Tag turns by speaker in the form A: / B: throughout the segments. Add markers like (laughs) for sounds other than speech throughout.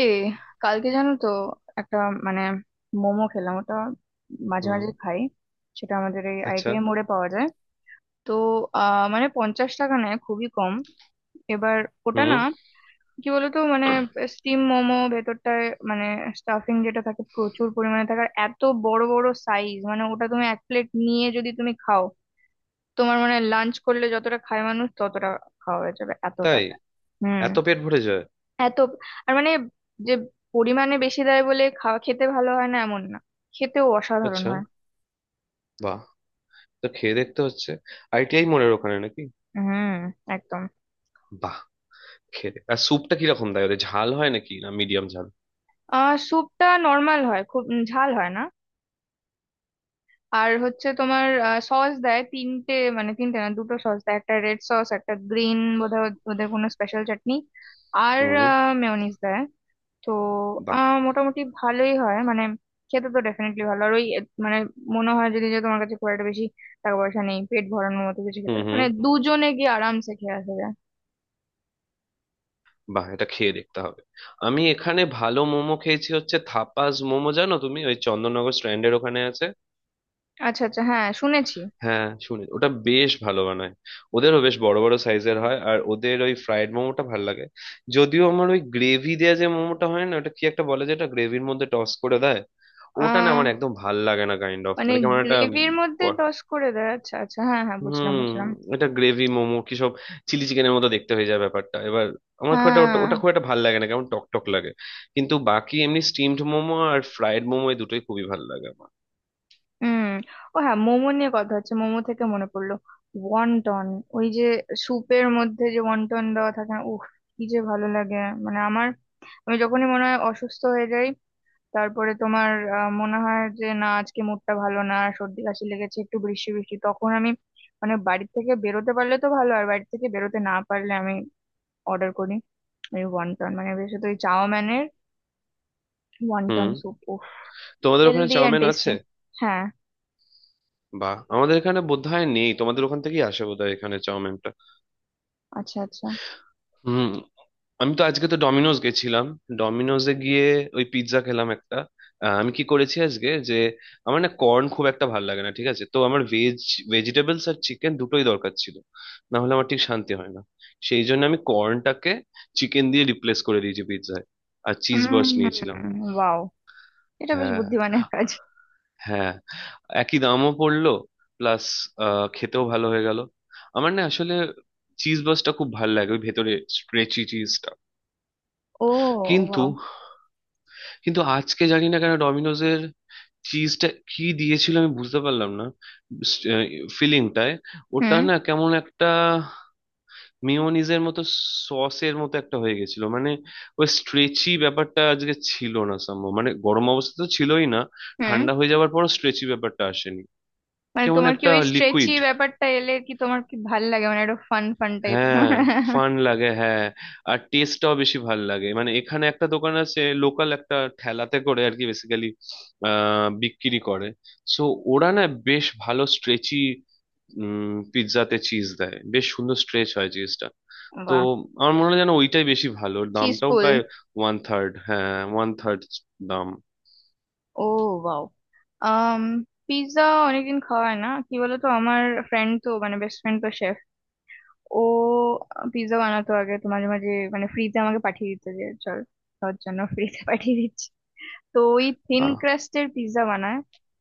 A: এ কালকে জানো তো একটা মানে মোমো খেলাম, ওটা মাঝে
B: হুম।
A: মাঝে খাই। সেটা আমাদের এই
B: আচ্ছা।
A: আইটিআই মোড়ে পাওয়া যায়। তো মানে 50 টাকা নেয়, খুবই কম। এবার ওটা
B: হুম।
A: না কি বলতো, মানে স্টিম মোমো ভেতরটায় মানে স্টাফিং যেটা থাকে প্রচুর পরিমাণে থাকে, আর এত বড় বড় সাইজ মানে ওটা তুমি এক প্লেট নিয়ে যদি তুমি খাও তোমার মানে লাঞ্চ করলে যতটা খায় মানুষ ততটা খাওয়া হয়ে যাবে, এত
B: তাই?
A: টাকা। হুম।
B: এত পেট ভরে যায়?
A: এত আর মানে যে পরিমাণে বেশি দেয় বলে খাওয়া খেতে ভালো হয় না এমন না, খেতেও অসাধারণ
B: আচ্ছা।
A: হয়।
B: বাহ, তো খেয়ে দেখতে হচ্ছে। আইটিআই মোড়ের ওখানে নাকি?
A: হুম, একদম।
B: বাহ। আর স্যুপটা কিরকম দেয় ওদের? ঝাল হয় নাকি, না মিডিয়াম ঝাল?
A: স্যুপটা নর্মাল হয়, খুব ঝাল হয় না। আর হচ্ছে তোমার সস দেয় তিনটে, মানে তিনটে না দুটো সস দেয়, একটা রেড সস একটা গ্রিন, বোধহয় ওদের কোনো স্পেশাল চাটনি। আর
B: হুম।
A: মেয়োনিজ দেয়। তো
B: বাহ।
A: মোটামুটি ভালোই হয় মানে, খেতে তো ডেফিনেটলি ভালো। আর ওই মানে মনে হয় যদি যে তোমার কাছে খুব একটা বেশি টাকা পয়সা নেই, পেট ভরানোর মতো কিছু খেতে
B: হুম, হুম।
A: মানে দুজনে গিয়ে আরামসে খেয়ে আসা যায়।
B: বাহ, এটা খেয়ে দেখতে হবে। আমি এখানে ভালো মোমো খেয়েছি, হচ্ছে থাপাস মোমো, জানো তুমি? ওই চন্দননগর স্ট্র্যান্ডের ওখানে আছে।
A: আচ্ছা আচ্ছা, হ্যাঁ শুনেছি।
B: হ্যাঁ, শুনে ওটা বেশ ভালো বানায়। ওদেরও বেশ বড় বড় সাইজের হয়, আর ওদের ওই ফ্রাইড মোমোটা ভালো লাগে। যদিও আমার ওই গ্রেভি দেওয়া যে মোমোটা হয় না, ওটা কি একটা বলে যেটা গ্রেভির মধ্যে টস করে দেয়, ওটা না
A: আহ
B: আমার একদম ভাল লাগে না, কাইন্ড অফ
A: মানে
B: মানে কেমন একটা।
A: গ্রেভির মধ্যে
B: ক-
A: দশ করে দেয়, আচ্ছা আচ্ছা হ্যাঁ হ্যাঁ বুঝলাম
B: হুম।
A: বুঝলাম।
B: এটা গ্রেভি মোমো কি সব চিলি চিকেনের মতো দেখতে হয়ে যায় ব্যাপারটা এবার। আমার খুব একটা ওটা
A: হ্যাঁ।
B: ওটা খুব একটা ভাল লাগে না, কেমন টক টক লাগে। কিন্তু বাকি এমনি স্টিমড মোমো আর ফ্রাইড মোমো, এই দুটোই খুবই ভাল লাগে আমার।
A: হুম। ও হ্যাঁ, মোমো নিয়ে কথা হচ্ছে, মোমো থেকে মনে পড়লো ওয়ান্টন। ওই যে স্যুপের মধ্যে যে ওয়ান্টন দেওয়া থাকে না, উফ কি যে ভালো লাগে। মানে আমার আমি যখনই মনে হয় অসুস্থ হয়ে যাই, তারপরে তোমার মনে হয় যে না আজকে মুডটা ভালো না, সর্দি কাশি লেগেছে একটু, বৃষ্টি বৃষ্টি, তখন আমি মানে বাড়ি থেকে বেরোতে পারলে তো ভালো, আর বাড়ি থেকে বেরোতে না পারলে আমি অর্ডার করি ওই ওয়ান্টন, মানে বিশেষত ওই চাওম্যানের
B: হুম।
A: ওয়ান্টন স্যুপ, উফ।
B: তোমাদের ওখানে
A: হেলদি অ্যান্ড
B: চাউমিন আছে?
A: টেস্টি। হ্যাঁ।
B: বাহ, আমাদের এখানে বোধহয় নেই, তোমাদের ওখান থেকেই আসে বোধহয় এখানে চাউমিনটা।
A: আচ্ছা আচ্ছা।
B: হুম। আমি তো আজকে তো ডমিনোজ গেছিলাম, ডমিনোজে গিয়ে ওই পিৎজা খেলাম একটা। আমি কি করেছি আজকে যে, আমার না কর্ন খুব একটা ভালো লাগে না, ঠিক আছে? তো আমার ভেজ ভেজিটেবলস আর চিকেন দুটোই দরকার ছিল, না হলে আমার ঠিক শান্তি হয় না। সেই জন্য আমি কর্নটাকে চিকেন দিয়ে রিপ্লেস করে দিয়েছি পিৎজায়, আর চিজ বার্স্ট নিয়েছিলাম।
A: ওয়াও, এটা বেশ
B: হ্যাঁ,
A: বুদ্ধিমানের কাজ।
B: হ্যাঁ, একই দামও পড়লো, প্লাস খেতেও ভালো হয়ে গেল। আমার না আসলে চিজ বাসটা খুব ভালো লাগে, ওই ভেতরে স্ট্রেচি চিজটা।
A: ও
B: কিন্তু
A: ওয়াও।
B: কিন্তু আজকে জানি না কেন ডমিনোজের চিজটা কি দিয়েছিল, আমি বুঝতে পারলাম না। ফিলিংটায় ওটা
A: হুম
B: না কেমন একটা মেয়োনিজের মতো, সসের মতো একটা হয়ে গেছিল মানে, ওই স্ট্রেচি ব্যাপারটা আজকে ছিল না। সম্ভব মানে গরম অবস্থা তো ছিলই না,
A: হুম।
B: ঠান্ডা হয়ে যাওয়ার পরও স্ট্রেচি ব্যাপারটা আসেনি।
A: মানে
B: কেমন
A: তোমার কি
B: একটা
A: ওই স্ট্রেচি
B: লিকুইড।
A: ব্যাপারটা এলে কি তোমার কি ভাল লাগে, মানে একটা ফান ফান টাইপ? (laughs)
B: হ্যাঁ, ফান লাগে, হ্যাঁ। আর টেস্টটাও বেশি ভাল লাগে, মানে এখানে একটা দোকান আছে, লোকাল একটা ঠেলাতে করে আর কি, বেসিক্যালি বিক্রি করে। সো ওরা না বেশ ভালো স্ট্রেচি, পিৎজাতে চিজ দেয়, বেশ সুন্দর স্ট্রেচ হয় চিজটা। তো
A: বাহ।
B: আমার মনে হয় যেন ওইটাই বেশি ভালো, ওর দামটাও
A: চিজফুল।
B: প্রায় ওয়ান থার্ড। হ্যাঁ, ওয়ান থার্ড দাম।
A: ও বাও। আম পিৎজা অনেকদিন খাওয়া হয় না কি বলতো। আমার ফ্রেন্ড তো মানে বেস্ট ফ্রেন্ড তো শেফ। ও পিৎজা বানাতো আগে তো, মাঝে মাঝে মানে ফ্রিতে আমাকে পাঠিয়ে দিত, যে চল তোর জন্য ফ্রিতে পাঠিয়ে দিচ্ছি। তো ওই থিন
B: বাহ।
A: ক্রাস্টের পিৎজা বানায়,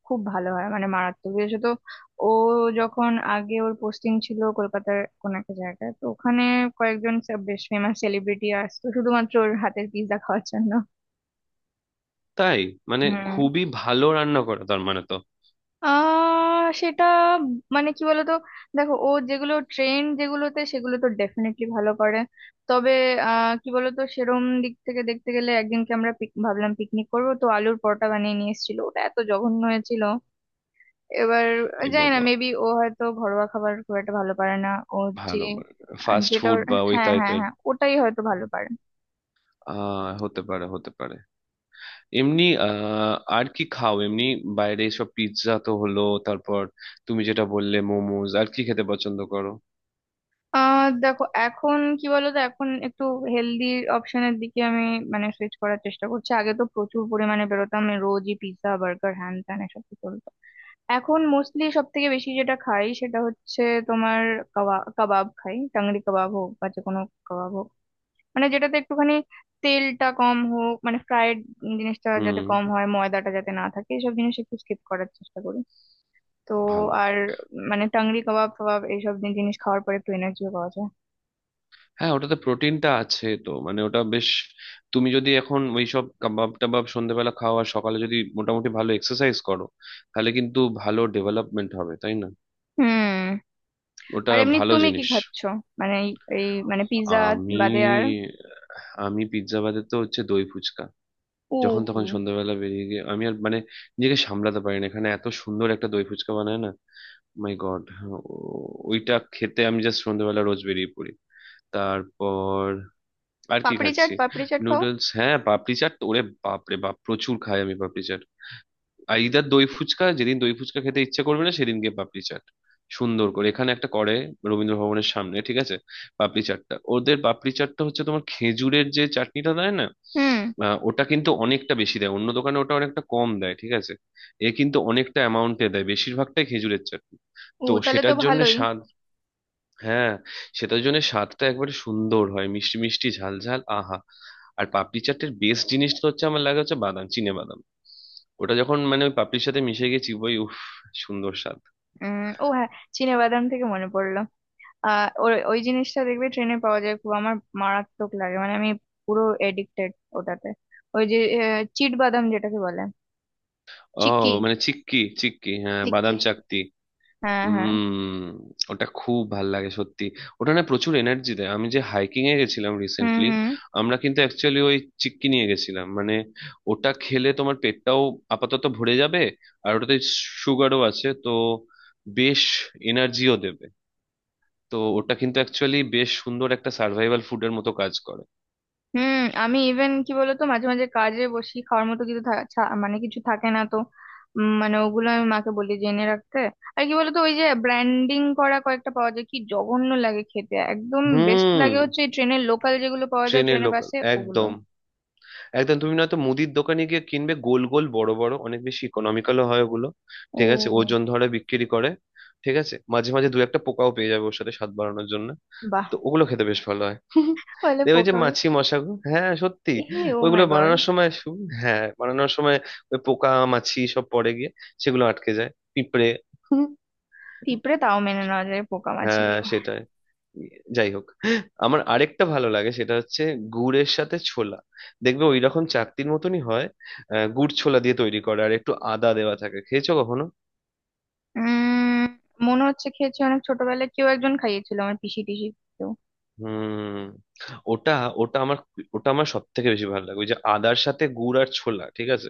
A: খুব ভালো হয় মানে মারাত্মক। বিশেষত ও যখন আগে ওর পোস্টিং ছিল কলকাতার কোন একটা জায়গায়, তো ওখানে কয়েকজন সব বেশ ফেমাস সেলিব্রিটি আসতো শুধুমাত্র ওর হাতের পিৎজা খাওয়ার জন্য।
B: তাই? মানে
A: হুম।
B: খুবই ভালো রান্না করা, তার মানে তো।
A: সেটা মানে কি বলতো, দেখো ও যেগুলো ট্রেন্ড যেগুলোতে, সেগুলো তো ডেফিনেটলি ভালো করে। তবে কি বলতো, সেরম দিক থেকে দেখতে গেলে একদিনকে আমরা পিক ভাবলাম পিকনিক করবো, তো আলুর পরোটা বানিয়ে নিয়ে এসেছিল, ওটা এত জঘন্য হয়েছিল। এবার
B: এ
A: জানি না,
B: বাবা।
A: মেবি ও হয়তো ঘরোয়া খাবার খুব একটা ভালো পারে না। ও যে
B: ভালো
A: আহ,
B: ফাস্ট
A: যেটা
B: ফুড
A: ওর-
B: বা ওই
A: হ্যাঁ হ্যাঁ
B: টাইপের।
A: হ্যাঁ, ওটাই হয়তো ভালো পারে।
B: হতে পারে, হতে পারে। এমনি আর কি খাও এমনি? বাইরে সব পিৎজা তো হলো, তারপর তুমি যেটা বললে মোমোজ, আর কি খেতে পছন্দ করো?
A: দেখো এখন কি বলতো, এখন একটু হেলদি অপশনের দিকে আমি মানে সুইচ করার চেষ্টা করছি। আগে তো প্রচুর পরিমাণে বেরোতাম আমি, রোজই পিৎজা বার্গার হ্যান ত্যান এসব কি চলতো। এখন মোস্টলি সব থেকে বেশি যেটা খাই সেটা হচ্ছে তোমার কাবাব, কাবাব খাই, টাংরি কাবাব হোক বা যে কোনো কাবাব হোক, মানে যেটাতে একটুখানি তেলটা কম হোক, মানে ফ্রাইড জিনিসটা যাতে
B: হুম।
A: কম হয়, ময়দাটা যাতে না থাকে, এসব জিনিস একটু স্কিপ করার চেষ্টা করি। তো
B: ভালো।
A: আর মানে টাংরি কাবাব ফাবাব এইসব জিনিস খাওয়ার পরে একটু এনার্জিও পাওয়া যায়।
B: হ্যাঁ, ওটাতে প্রোটিনটা আছে তো, মানে ওটা বেশ। তুমি যদি এখন ওই সব কাবাব টাবাব সন্ধ্যেবেলা খাও, আর সকালে যদি মোটামুটি ভালো এক্সারসাইজ করো, তাহলে কিন্তু ভালো ডেভেলপমেন্ট হবে, তাই না?
A: হুম।
B: ওটা
A: আর এমনি
B: ভালো
A: তুমি কি
B: জিনিস।
A: খাচ্ছো, মানে এই এই মানে পিৎজা
B: আমি
A: বাদে আর?
B: আমি পিৎজা বাদে তো হচ্ছে দই ফুচকা, যখন তখন
A: ও
B: সন্ধ্যাবেলা বেরিয়ে গিয়ে আমি আর মানে নিজেকে সামলাতে পারি না, এখানে এত সুন্দর একটা দই ফুচকা বানায় না, মাই গড। ওইটা খেতে আমি জাস্ট সন্ধ্যাবেলা রোজ বেরিয়ে পড়ি। তারপর আর কি
A: পাপড়ি চাট,
B: খাচ্ছি,
A: পাপড়ি চাট খাও।
B: নুডলস। হ্যাঁ, পাপড়ি চাট, ওরে বাপ রে বাপ, প্রচুর খাই আমি পাপড়ি চাট। আর ইদার দই ফুচকা, যেদিন দই ফুচকা খেতে ইচ্ছে করবে না সেদিন গিয়ে পাপড়ি চাট, সুন্দর করে এখানে একটা করে রবীন্দ্র ভবনের সামনে, ঠিক আছে? পাপড়ি চাটটা, ওদের পাপড়ি চাটটা হচ্ছে তোমার খেজুরের যে চাটনিটা দেয় না,
A: হুম।
B: ওটা কিন্তু অনেকটা বেশি দেয়, অন্য দোকানে ওটা অনেকটা কম দেয়, ঠিক আছে? এ কিন্তু অনেকটা অ্যামাউন্টে দেয়, বেশিরভাগটাই খেজুরের চাটনি।
A: ও
B: তো
A: তাহলে তো
B: সেটার জন্য
A: ভালোই।
B: স্বাদ। হ্যাঁ, সেটার জন্য স্বাদটা একবারে সুন্দর হয়, মিষ্টি মিষ্টি ঝাল ঝাল, আহা। আর পাপড়ি চাটের বেস্ট জিনিসটা হচ্ছে, আমার লাগে হচ্ছে বাদাম, চিনে বাদাম। ওটা যখন মানে ওই পাপড়ির সাথে মিশে গেছি, ওই উফ, সুন্দর স্বাদ।
A: ও হ্যাঁ, চিনে বাদাম থেকে মনে পড়লো। ওই ওই জিনিসটা দেখবে ট্রেনে পাওয়া যায়, খুব আমার মারাত্মক লাগে, মানে আমি পুরো এডিক্টেড ওটাতে। ওই যে চিট বাদাম যেটাকে বলে,
B: ও,
A: চিক্কি।
B: মানে চিক্কি, চিক্কি, হ্যাঁ, বাদাম
A: চিক্কি
B: চাকতি।
A: হ্যাঁ হ্যাঁ।
B: হুম। ওটা খুব ভাল লাগে সত্যি। ওটা না প্রচুর এনার্জি দেয়, আমি যে হাইকিং এ গেছিলাম
A: হুম
B: রিসেন্টলি,
A: হুম
B: আমরা কিন্তু অ্যাকচুয়ালি ওই চিক্কি নিয়ে গেছিলাম মানে। ওটা খেলে তোমার পেটটাও আপাতত ভরে যাবে, আর ওটাতে সুগারও আছে তো, বেশ এনার্জিও দেবে। তো ওটা কিন্তু অ্যাকচুয়ালি বেশ সুন্দর একটা সার্ভাইভাল ফুডের মতো কাজ করে।
A: হুম। আমি ইভেন কি বলতো মাঝে মাঝে কাজে বসি, খাওয়ার মতো কিছু মানে কিছু থাকে না তো। মানে ওগুলো আমি মাকে বলি যে এনে রাখতে। আর কি বলতো, ওই যে ব্র্যান্ডিং করা কয়েকটা পাওয়া যায়, কি জঘন্য লাগে খেতে। একদম বেস্ট
B: হুম।
A: লাগে হচ্ছে এই ট্রেনের লোকাল যেগুলো পাওয়া যায়,
B: ট্রেনের
A: ট্রেনে
B: লোকাল,
A: বাসে, ওগুলো।
B: একদম একদম। তুমি নয়তো মুদির দোকানে গিয়ে কিনবে, গোল গোল বড় বড়, অনেক বেশি ইকোনমিক্যালও হয় ওগুলো,
A: ও
B: ঠিক আছে? ওজন ধরে বিক্রি করে, ঠিক আছে? মাঝে মাঝে দু একটা পোকাও পেয়ে যাবে, ওর সাথে স্বাদ বাড়ানোর জন্য।
A: বাহ।
B: তো ওগুলো খেতে বেশ ভালো হয় (laughs)
A: বলে
B: দেখবে যে
A: পোকা?
B: মাছি মশা গো, হ্যাঁ সত্যি,
A: এ, ও
B: ওইগুলো
A: মাই গড।
B: বানানোর সময় হ্যাঁ, বানানোর সময় ওই পোকা মাছি সব পড়ে গিয়ে সেগুলো আটকে যায়, পিঁপড়ে
A: পিঁপড়ে
B: (laughs)
A: তাও মেনে নেওয়া যায়, পোকা মাছি!
B: হ্যাঁ, সেটাই। যাই হোক, আমার আরেকটা ভালো লাগে, সেটা হচ্ছে গুড়ের সাথে ছোলা। দেখবে ওই রকম চাকতির মতনই হয়, গুড় ছোলা দিয়ে তৈরি করে, আর একটু আদা দেওয়া থাকে, খেয়েছো কখনো?
A: উম, মনে হচ্ছে খেয়েছি, অনেক ছোটবেলায় কেউ একজন খাইয়েছিল, আমার পিসি টিসি কেউ।
B: হুম। ওটা ওটা আমার ওটা আমার সব থেকে বেশি ভালো লাগে, ওই যে আদার সাথে গুড় আর ছোলা, ঠিক আছে?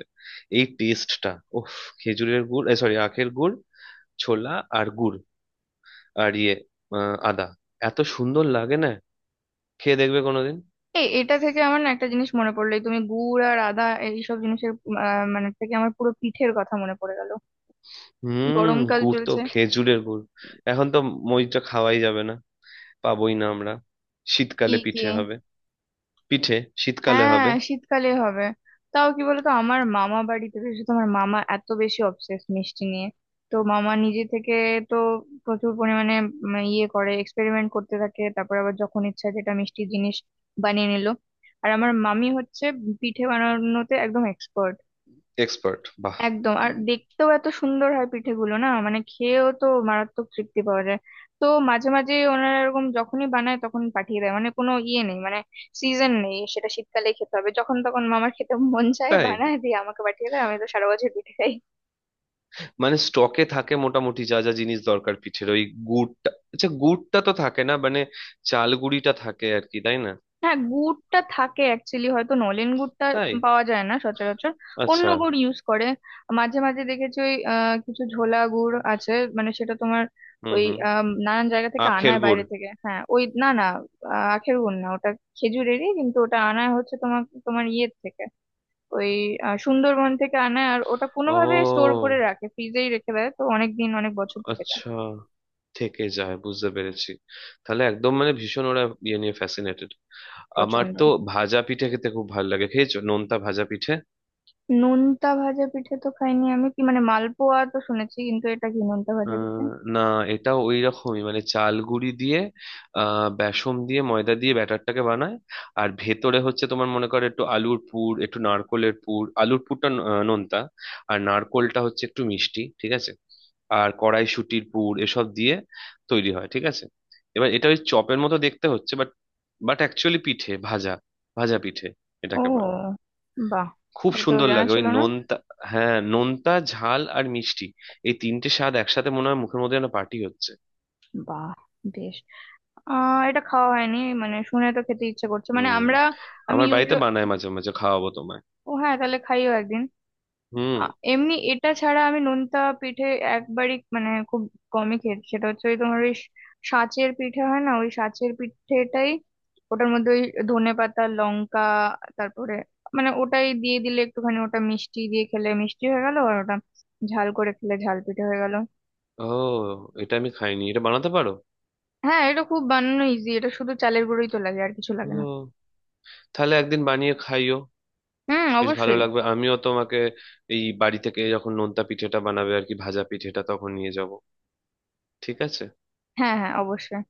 B: এই টেস্টটা, ওফ। খেজুরের গুড়, সরি আখের গুড়, ছোলা আর গুড় আর ইয়ে আদা, এত সুন্দর লাগে না? খেয়ে দেখবে কোনোদিন।
A: এই এটা থেকে আমার না একটা জিনিস মনে পড়লো, এই তুমি গুড় আর আদা এইসব জিনিসের মানে থেকে আমার পুরো পিঠের কথা মনে পড়ে গেল।
B: হুম,
A: গরমকাল
B: গুড় তো
A: চলছে।
B: খেজুরের গুড়, এখন তো মইটা খাওয়াই যাবে না, পাবোই না আমরা।
A: কি
B: শীতকালে
A: কি?
B: পিঠে হবে, পিঠে শীতকালে
A: হ্যাঁ
B: হবে।
A: শীতকালে হবে। তাও কি বলতো, আমার মামা বাড়িতে বিশেষত আমার মামা এত বেশি অবসেস মিষ্টি নিয়ে, তো মামা নিজে থেকে তো প্রচুর পরিমাণে ইয়ে করে এক্সপেরিমেন্ট করতে থাকে, তারপর আবার যখন ইচ্ছা যেটা মিষ্টি জিনিস বানিয়ে নিল। আর আমার মামি হচ্ছে পিঠে বানানোতে একদম এক্সপার্ট,
B: এক্সপার্ট, বাহ।
A: একদম। আর দেখতেও এত সুন্দর হয় পিঠেগুলো না, মানে খেয়েও তো মারাত্মক তৃপ্তি পাওয়া যায়। তো মাঝে মাঝে ওনারা এরকম যখনই বানায় তখন পাঠিয়ে দেয়, মানে কোনো ইয়ে নেই, মানে সিজন নেই সেটা শীতকালে খেতে হবে, যখন তখন মামার খেতে মন চায়
B: তাই?
A: বানায় দিয়ে আমাকে পাঠিয়ে দেয়, আমি তো সারা বছর পিঠে খাই।
B: মানে স্টকে থাকে মোটামুটি যা যা জিনিস দরকার পিঠের, ওই গুড়টা, আচ্ছা গুড়টা তো থাকে না মানে, চাল গুঁড়িটা থাকে আর কি, তাই না?
A: হ্যাঁ গুড়টা থাকে, অ্যাকচুয়ালি হয়তো নলেন গুড়টা
B: তাই।
A: পাওয়া যায় না সচরাচর, অন্য
B: আচ্ছা।
A: গুড় ইউজ করে। মাঝে মাঝে দেখেছি ওই কিছু ঝোলা গুড় আছে, মানে সেটা তোমার
B: হুম,
A: ওই
B: হুম।
A: নানান জায়গা থেকে
B: আখের
A: আনায়,
B: গুড়।
A: বাইরে থেকে, হ্যাঁ। ওই না না, আখের গুড় না ওটা, খেজুরেরই। কিন্তু ওটা আনায় হচ্ছে তোমার তোমার ইয়ের থেকে, ওই সুন্দরবন থেকে আনায়। আর ওটা
B: ও,
A: কোনোভাবে স্টোর করে রাখে, ফ্রিজেই রেখে দেয়, তো অনেক দিন অনেক বছর থেকে যায়।
B: আচ্ছা, থেকে যায়, বুঝতে পেরেছি। তাহলে একদম মানে ভীষণ ওরা ইয়ে নিয়ে ফ্যাসিনেটেড। আমার
A: প্রচন্ড।
B: তো ভাজা পিঠে খেতে খুব ভালো লাগে, খেয়েছো নোনতা ভাজা পিঠে?
A: নোনতা ভাজা পিঠে তো খাইনি আমি, কি মানে মালপোয়া তো শুনেছি কিন্তু এটা কি নোনতা ভাজা পিঠে?
B: আহ, না, এটা ওই রকমই মানে চাল গুঁড়ি দিয়ে, বেসন দিয়ে, ময়দা দিয়ে ব্যাটারটাকে বানায়। আর ভেতরে হচ্ছে তোমার মনে করো একটু আলুর পুর, একটু নারকোলের পুর, আলুর পুরটা নোনতা, আর নারকোলটা হচ্ছে একটু মিষ্টি, ঠিক আছে? আর কড়াইশুঁটির পুর এসব দিয়ে তৈরি হয়, ঠিক আছে? এবার এটা ওই চপের মতো দেখতে হচ্ছে, বাট বাট অ্যাকচুয়ালি পিঠে ভাজা, ভাজা পিঠে
A: ও
B: এটাকে বলে।
A: বাহ,
B: খুব
A: এটা তো
B: সুন্দর
A: জানা
B: লাগে ওই
A: ছিল না।
B: নোনতা। হ্যাঁ, নোনতা ঝাল আর মিষ্টি, এই তিনটে স্বাদ একসাথে মনে হয় মুখের মধ্যে যেন পার্টি হচ্ছে।
A: বাহ, বেশ। এটা খাওয়া হয়নি, মানে শুনে তো খেতে ইচ্ছে করছে মানে
B: হুম।
A: আমরা, আমি
B: আমার বাড়িতে
A: ইউজুয়াল।
B: বানায়, মাঝে মাঝে খাওয়াবো তোমায়।
A: ও হ্যাঁ তাহলে খাইও একদিন।
B: হুম।
A: এমনি এটা ছাড়া আমি নোনতা পিঠে একবারই মানে খুব কমই খেয়েছি, সেটা হচ্ছে ওই তোমার ওই সাঁচের পিঠে হয় না, ওই সাঁচের পিঠেটাই, ওটার মধ্যে ওই ধনে পাতা লঙ্কা, তারপরে মানে ওটাই দিয়ে দিলে একটুখানি, ওটা মিষ্টি দিয়ে খেলে মিষ্টি হয়ে গেল, আর ওটা ঝাল করে খেলে ঝাল পিঠে হয়ে গেল।
B: ও, এটা আমি খাইনি, এটা বানাতে পারো?
A: হ্যাঁ এটা খুব বানানো ইজি, এটা শুধু চালের গুঁড়োই তো লাগে আর কিছু লাগে না।
B: ও তাহলে একদিন বানিয়ে খাইও,
A: হুম
B: বেশ ভালো
A: অবশ্যই।
B: লাগবে। আমিও তোমাকে এই বাড়ি থেকে যখন নোনতা পিঠেটা বানাবে আর কি ভাজা পিঠেটা, তখন নিয়ে যাব, ঠিক আছে?
A: হ্যাঁ হ্যাঁ অবশ্যই।